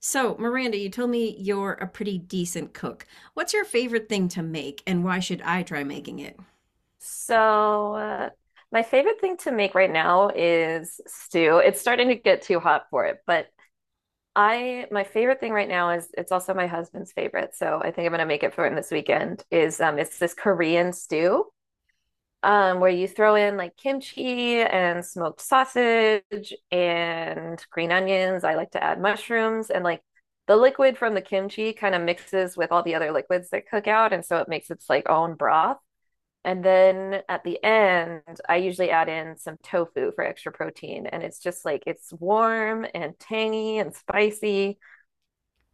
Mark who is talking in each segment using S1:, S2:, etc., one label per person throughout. S1: So, Miranda, you told me you're a pretty decent cook. What's your favorite thing to make, and why should I try making it?
S2: So, uh, my favorite thing to make right now is stew. It's starting to get too hot for it, but I my favorite thing right now is it's also my husband's favorite. So I think I'm gonna make it for him this weekend. Is It's this Korean stew where you throw in like kimchi and smoked sausage and green onions. I like to add mushrooms, and like the liquid from the kimchi kind of mixes with all the other liquids that cook out, and so it makes its like own broth. And then at the end, I usually add in some tofu for extra protein. And it's just like it's warm and tangy and spicy.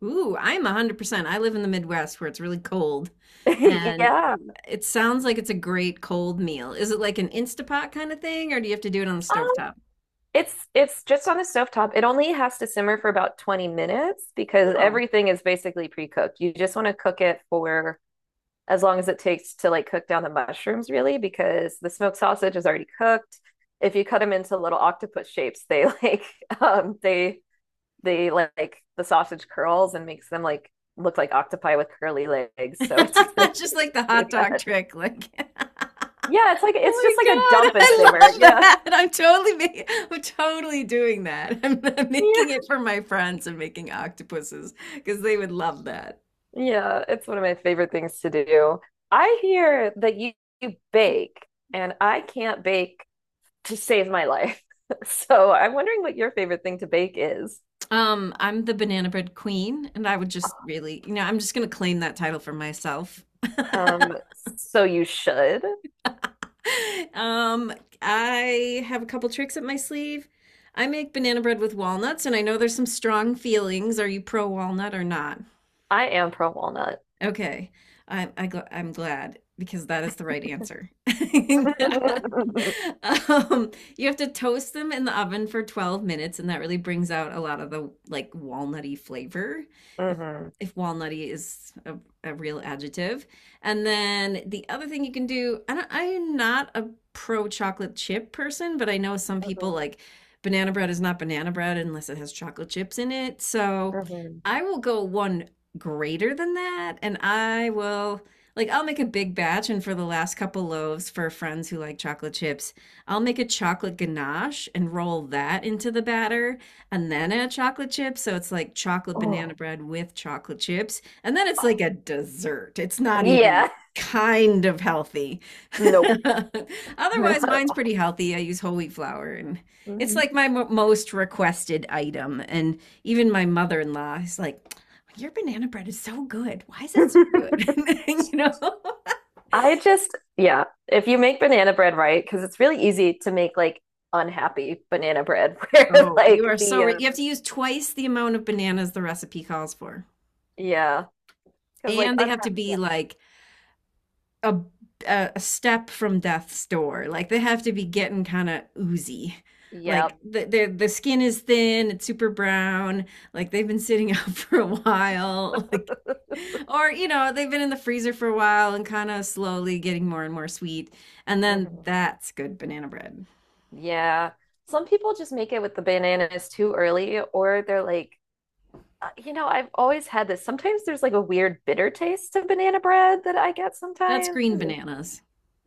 S1: Ooh, I'm 100%. I live in the Midwest where it's really cold, and
S2: Yeah.
S1: it sounds like it's a great cold meal. Is it like an Instapot kind of thing, or do you have to do it on the
S2: Um,
S1: stovetop?
S2: it's just on the stovetop. It only has to simmer for about 20 minutes because
S1: Oh.
S2: everything is basically pre-cooked. You just want to cook it for as long as it takes to like cook down the mushrooms, really, because the smoked sausage is already cooked. If you cut them into little octopus shapes, they like um they the sausage curls and makes them like look like octopi with curly legs. So it's kind of
S1: Just
S2: cute
S1: like the
S2: to do
S1: hot dog
S2: that.
S1: trick, like.
S2: Yeah, it's like it's just
S1: Oh
S2: like
S1: my
S2: a
S1: God,
S2: dump and
S1: I
S2: simmer.
S1: love
S2: Yeah.
S1: that. I'm totally making, I'm totally doing that. I'm
S2: Yeah.
S1: making it for my friends and making octopuses because they would love that.
S2: Yeah. It's one of my favorite things to do. I hear that you bake, and I can't bake to save my life. So I'm wondering what your favorite thing to bake is.
S1: I'm the banana bread queen, and I would just really, you know, I'm just gonna claim that title for myself.
S2: Um, so you should.
S1: Um, I have a couple tricks up my sleeve. I make banana bread with walnuts, and I know there's some strong feelings. Are you pro walnut or not?
S2: I am pro walnut.
S1: Okay, I'm glad because that is the right answer.
S2: Hmm.
S1: um, you have to toast them in the oven for 12 minutes, and that really brings out a lot of the like walnutty flavor, if
S2: Hmm.
S1: if walnutty is a real adjective. And then the other thing you can do, I'm not a pro chocolate chip person, but I know some people like banana bread is not banana bread unless it has chocolate chips in it. So
S2: Hmm.
S1: I will go one greater than that, and I will like I'll make a big batch, and for the last couple loaves for friends who like chocolate chips, I'll make a chocolate ganache and roll that into the batter and then add chocolate chips. So it's like chocolate banana
S2: Oh,
S1: bread with chocolate chips. And then it's like a dessert. It's not even
S2: yeah.
S1: kind of healthy.
S2: Nope.
S1: Otherwise,
S2: Not at
S1: mine's
S2: all.
S1: pretty healthy. I use whole wheat flour, and it's
S2: Mhm.
S1: like my mo most requested item. And even my mother-in-law is like, your banana bread is so good. Why is it so good? You know?
S2: Yeah, if you make banana bread right, because it's really easy to make like unhappy banana bread, where
S1: Oh, you are you have to use twice the amount of bananas the recipe calls for.
S2: yeah, because like
S1: And they have
S2: unhappy,
S1: to be
S2: yeah,
S1: like a a step from death's door. Like they have to be getting kind of oozy. Like
S2: yep,
S1: the skin is thin, it's super brown. Like they've been sitting out for a while. Like, or you know, they've been in the freezer for a while and kind of slowly getting more and more sweet. And then
S2: hmm,
S1: that's good banana bread.
S2: yeah. Some people just make it with the bananas too early, or they're like, I've always had this. Sometimes there's like a weird bitter taste to banana bread that I get
S1: That's
S2: sometimes.
S1: green bananas.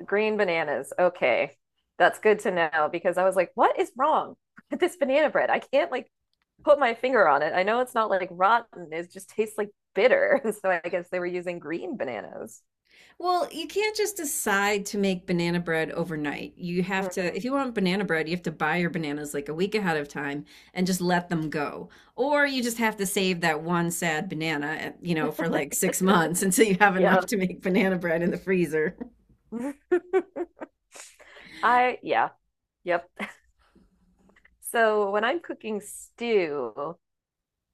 S2: Green bananas. Okay. That's good to know because I was like, what is wrong with this banana bread? I can't like put my finger on it. I know it's not like rotten, it just tastes like bitter. So I guess they were using green bananas.
S1: Well, you can't just decide to make banana bread overnight. You have to, if
S2: Mhm.
S1: you want banana bread, you have to buy your bananas like a week ahead of time and just let them go. Or you just have to save that one sad banana, eh, you know, for like 6 months until you have
S2: Yeah.
S1: enough to make banana bread in the freezer.
S2: I, yeah, yep. So when I'm cooking stew,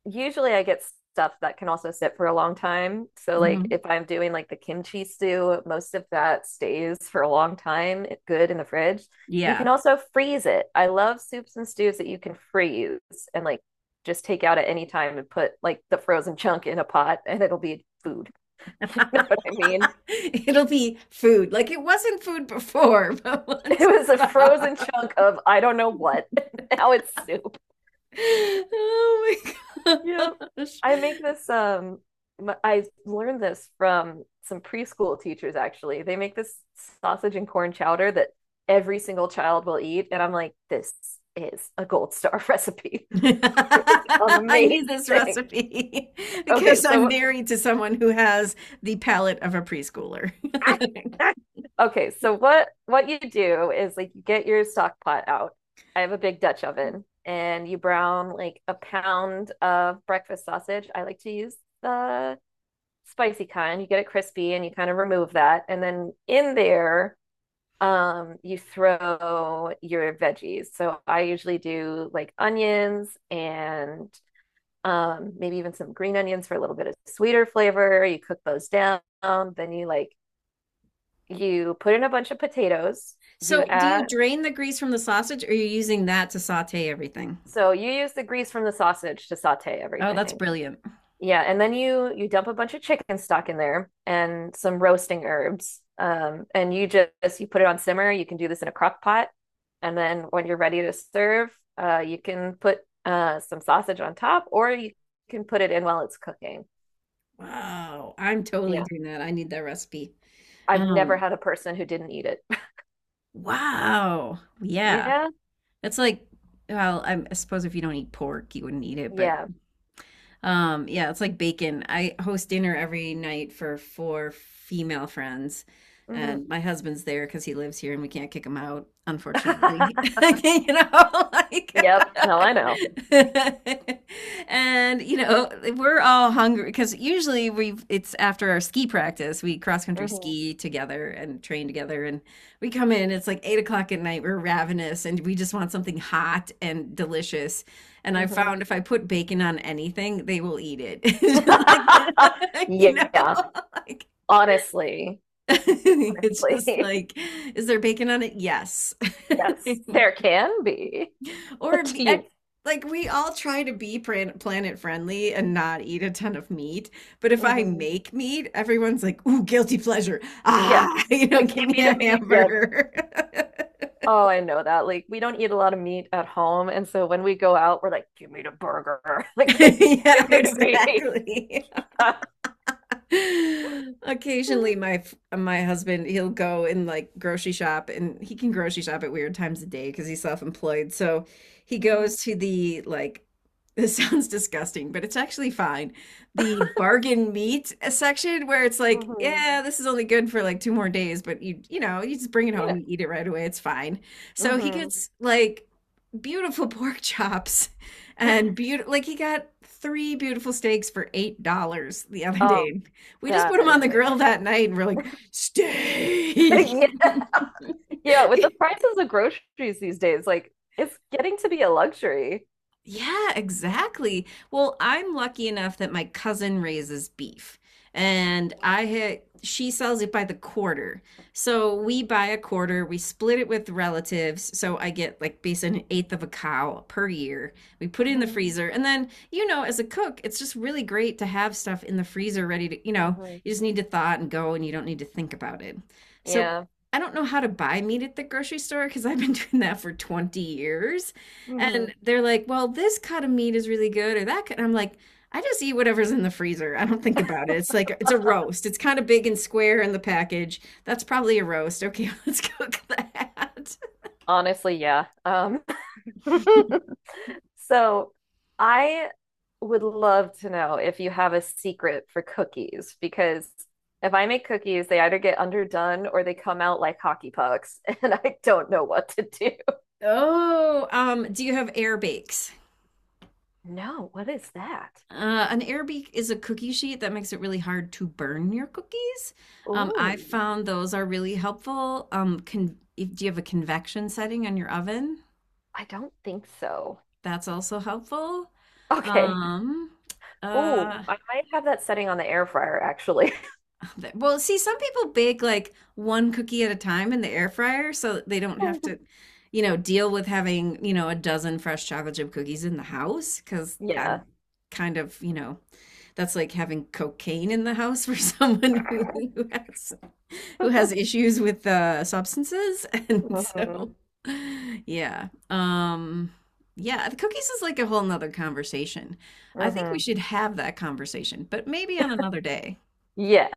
S2: usually I get stuff that can also sit for a long time. So like if
S1: Hmm.
S2: I'm doing like the kimchi stew, most of that stays for a long time, good in the fridge. You
S1: Yeah.
S2: can also freeze it. I love soups and stews that you can freeze, and like just take out at any time and put like the frozen chunk in a pot, and it'll be food. You know what I mean?
S1: It'll be food. Like it wasn't food before, but
S2: It
S1: once it's
S2: was a
S1: thawed.
S2: frozen chunk of I don't know what. Now it's soup.
S1: Oh my
S2: Yep.
S1: gosh.
S2: I make this I learned this from some preschool teachers actually. They make this sausage and corn chowder that every single child will eat, and I'm like this is a gold star recipe. It is
S1: I need this
S2: amazing.
S1: recipe
S2: Okay,
S1: because I'm
S2: so
S1: married to someone who has the palate of a preschooler.
S2: okay, so what you do is like you get your stock pot out. I have a big Dutch oven, and you brown like a pound of breakfast sausage. I like to use the spicy kind. You get it crispy and you kind of remove that. And then in there, you throw your veggies. So I usually do like onions and maybe even some green onions for a little bit of sweeter flavor. You cook those down. You put in a bunch of potatoes. You
S1: So, do you
S2: add,
S1: drain the grease from the sausage, or are you using that to saute everything?
S2: so you use the grease from the sausage to saute
S1: Oh, that's
S2: everything.
S1: brilliant.
S2: Yeah, and then you dump a bunch of chicken stock in there and some roasting herbs. And you put it on simmer. You can do this in a crock pot, and then when you're ready to serve, you can put some sausage on top, or you can put it in while it's cooking.
S1: Wow, I'm totally
S2: Yeah,
S1: doing that. I need that recipe.
S2: I've never
S1: Um,
S2: had a person who didn't eat it.
S1: wow. Yeah.
S2: Yeah,
S1: That's like, well, I suppose if you don't eat pork, you wouldn't eat it, but.
S2: yeah.
S1: Yeah, it's like bacon. I host dinner every night for four female friends,
S2: Hmm.
S1: and my husband's there because he lives here and we can't kick him out, unfortunately. You know, like,
S2: Yep. No, I know.
S1: and you know, we're all hungry because usually we've it's after our ski practice. We cross country
S2: Hmm.
S1: ski together and train together, and we come in. It's like 8 o'clock at night. We're ravenous, and we just want something hot and delicious, and I found
S2: Hmm.
S1: if I put bacon on anything, they will eat it. It's just like, you know,
S2: Yeah.
S1: like
S2: Honestly,
S1: it's just
S2: honestly.
S1: like, is there bacon on it? Yes.
S2: Yes, there can be a
S1: Or be- I-
S2: team.
S1: like we all try to be planet friendly and not eat a ton of meat. But if I
S2: Hmm.
S1: make meat, everyone's like, ooh, guilty pleasure.
S2: Yes,
S1: Ah, you
S2: a
S1: know, give me
S2: kimmy
S1: a
S2: to meat. Yep.
S1: hamburger.
S2: Oh, I know that. Like, we don't eat a lot of meat at home, and so when we go out, we're like, "Give me the burger, like,
S1: Yeah,
S2: give me the meat."
S1: exactly. Occasionally, my husband, he'll go and like grocery shop, and he can grocery shop at weird times of day because he's self-employed. So he
S2: Hmm.
S1: goes to the like. This sounds disgusting, but it's actually fine. The bargain meat section where it's like,
S2: Hmm.
S1: yeah, this is only good for like two more days, but you know you just bring it
S2: You
S1: home,
S2: know.
S1: you eat it right away, it's fine. So he
S2: Hmm.
S1: gets like beautiful pork chops and beautiful, like he got three beautiful steaks for $8 the other
S2: Um,
S1: day. We just put them
S2: that is
S1: on the grill
S2: amazing.
S1: that night, and we're like, steak.
S2: Yeah, yeah. With the prices of groceries these days, like, it's getting to be a luxury.
S1: Yeah, exactly. Well, I'm lucky enough that my cousin raises beef, and I ha she sells it by the quarter. So we buy a quarter, we split it with relatives. So I get like basically an eighth of a cow per year. We put it in the
S2: Hmm.
S1: freezer. And then, you know, as a cook, it's just really great to have stuff in the freezer ready to, you know,
S2: Hmm.
S1: you just need to thaw it and go and you don't need to think about it. So
S2: Yeah.
S1: I don't know how to buy meat at the grocery store because I've been doing that for 20 years.
S2: Hmm.
S1: And they're like, well, this cut of meat is really good, or that cut. I'm like, I just eat whatever's in the freezer. I don't think about it. It's like, it's a roast. It's kind of big and square in the package. That's probably a roast. Okay, let's cook that.
S2: Honestly, yeah. So I would love to know if you have a secret for cookies, because if I make cookies, they either get underdone or they come out like hockey pucks, and I don't know what to do.
S1: Oh, do you have air bakes?
S2: No, what is that?
S1: An air bake is a cookie sheet that makes it really hard to burn your cookies. I
S2: Ooh,
S1: found those are really helpful. Con if, do you have a convection setting on your oven?
S2: I don't think so.
S1: That's also helpful.
S2: Okay.
S1: Um,
S2: Ooh,
S1: uh,
S2: I might have that setting on the air fryer actually.
S1: Well, see, some people bake like one cookie at a time in the air fryer so that they don't have to, you know, deal with having, you know, a dozen fresh chocolate chip cookies in the house because I'm
S2: Yeah.
S1: kind of, you know, that's like having cocaine in the house for someone who has issues with substances. And
S2: Hmm.
S1: so, yeah. Yeah, the cookies is like a whole nother conversation. I think we
S2: Hmm.
S1: should have that conversation, but maybe on another day.
S2: Yeah.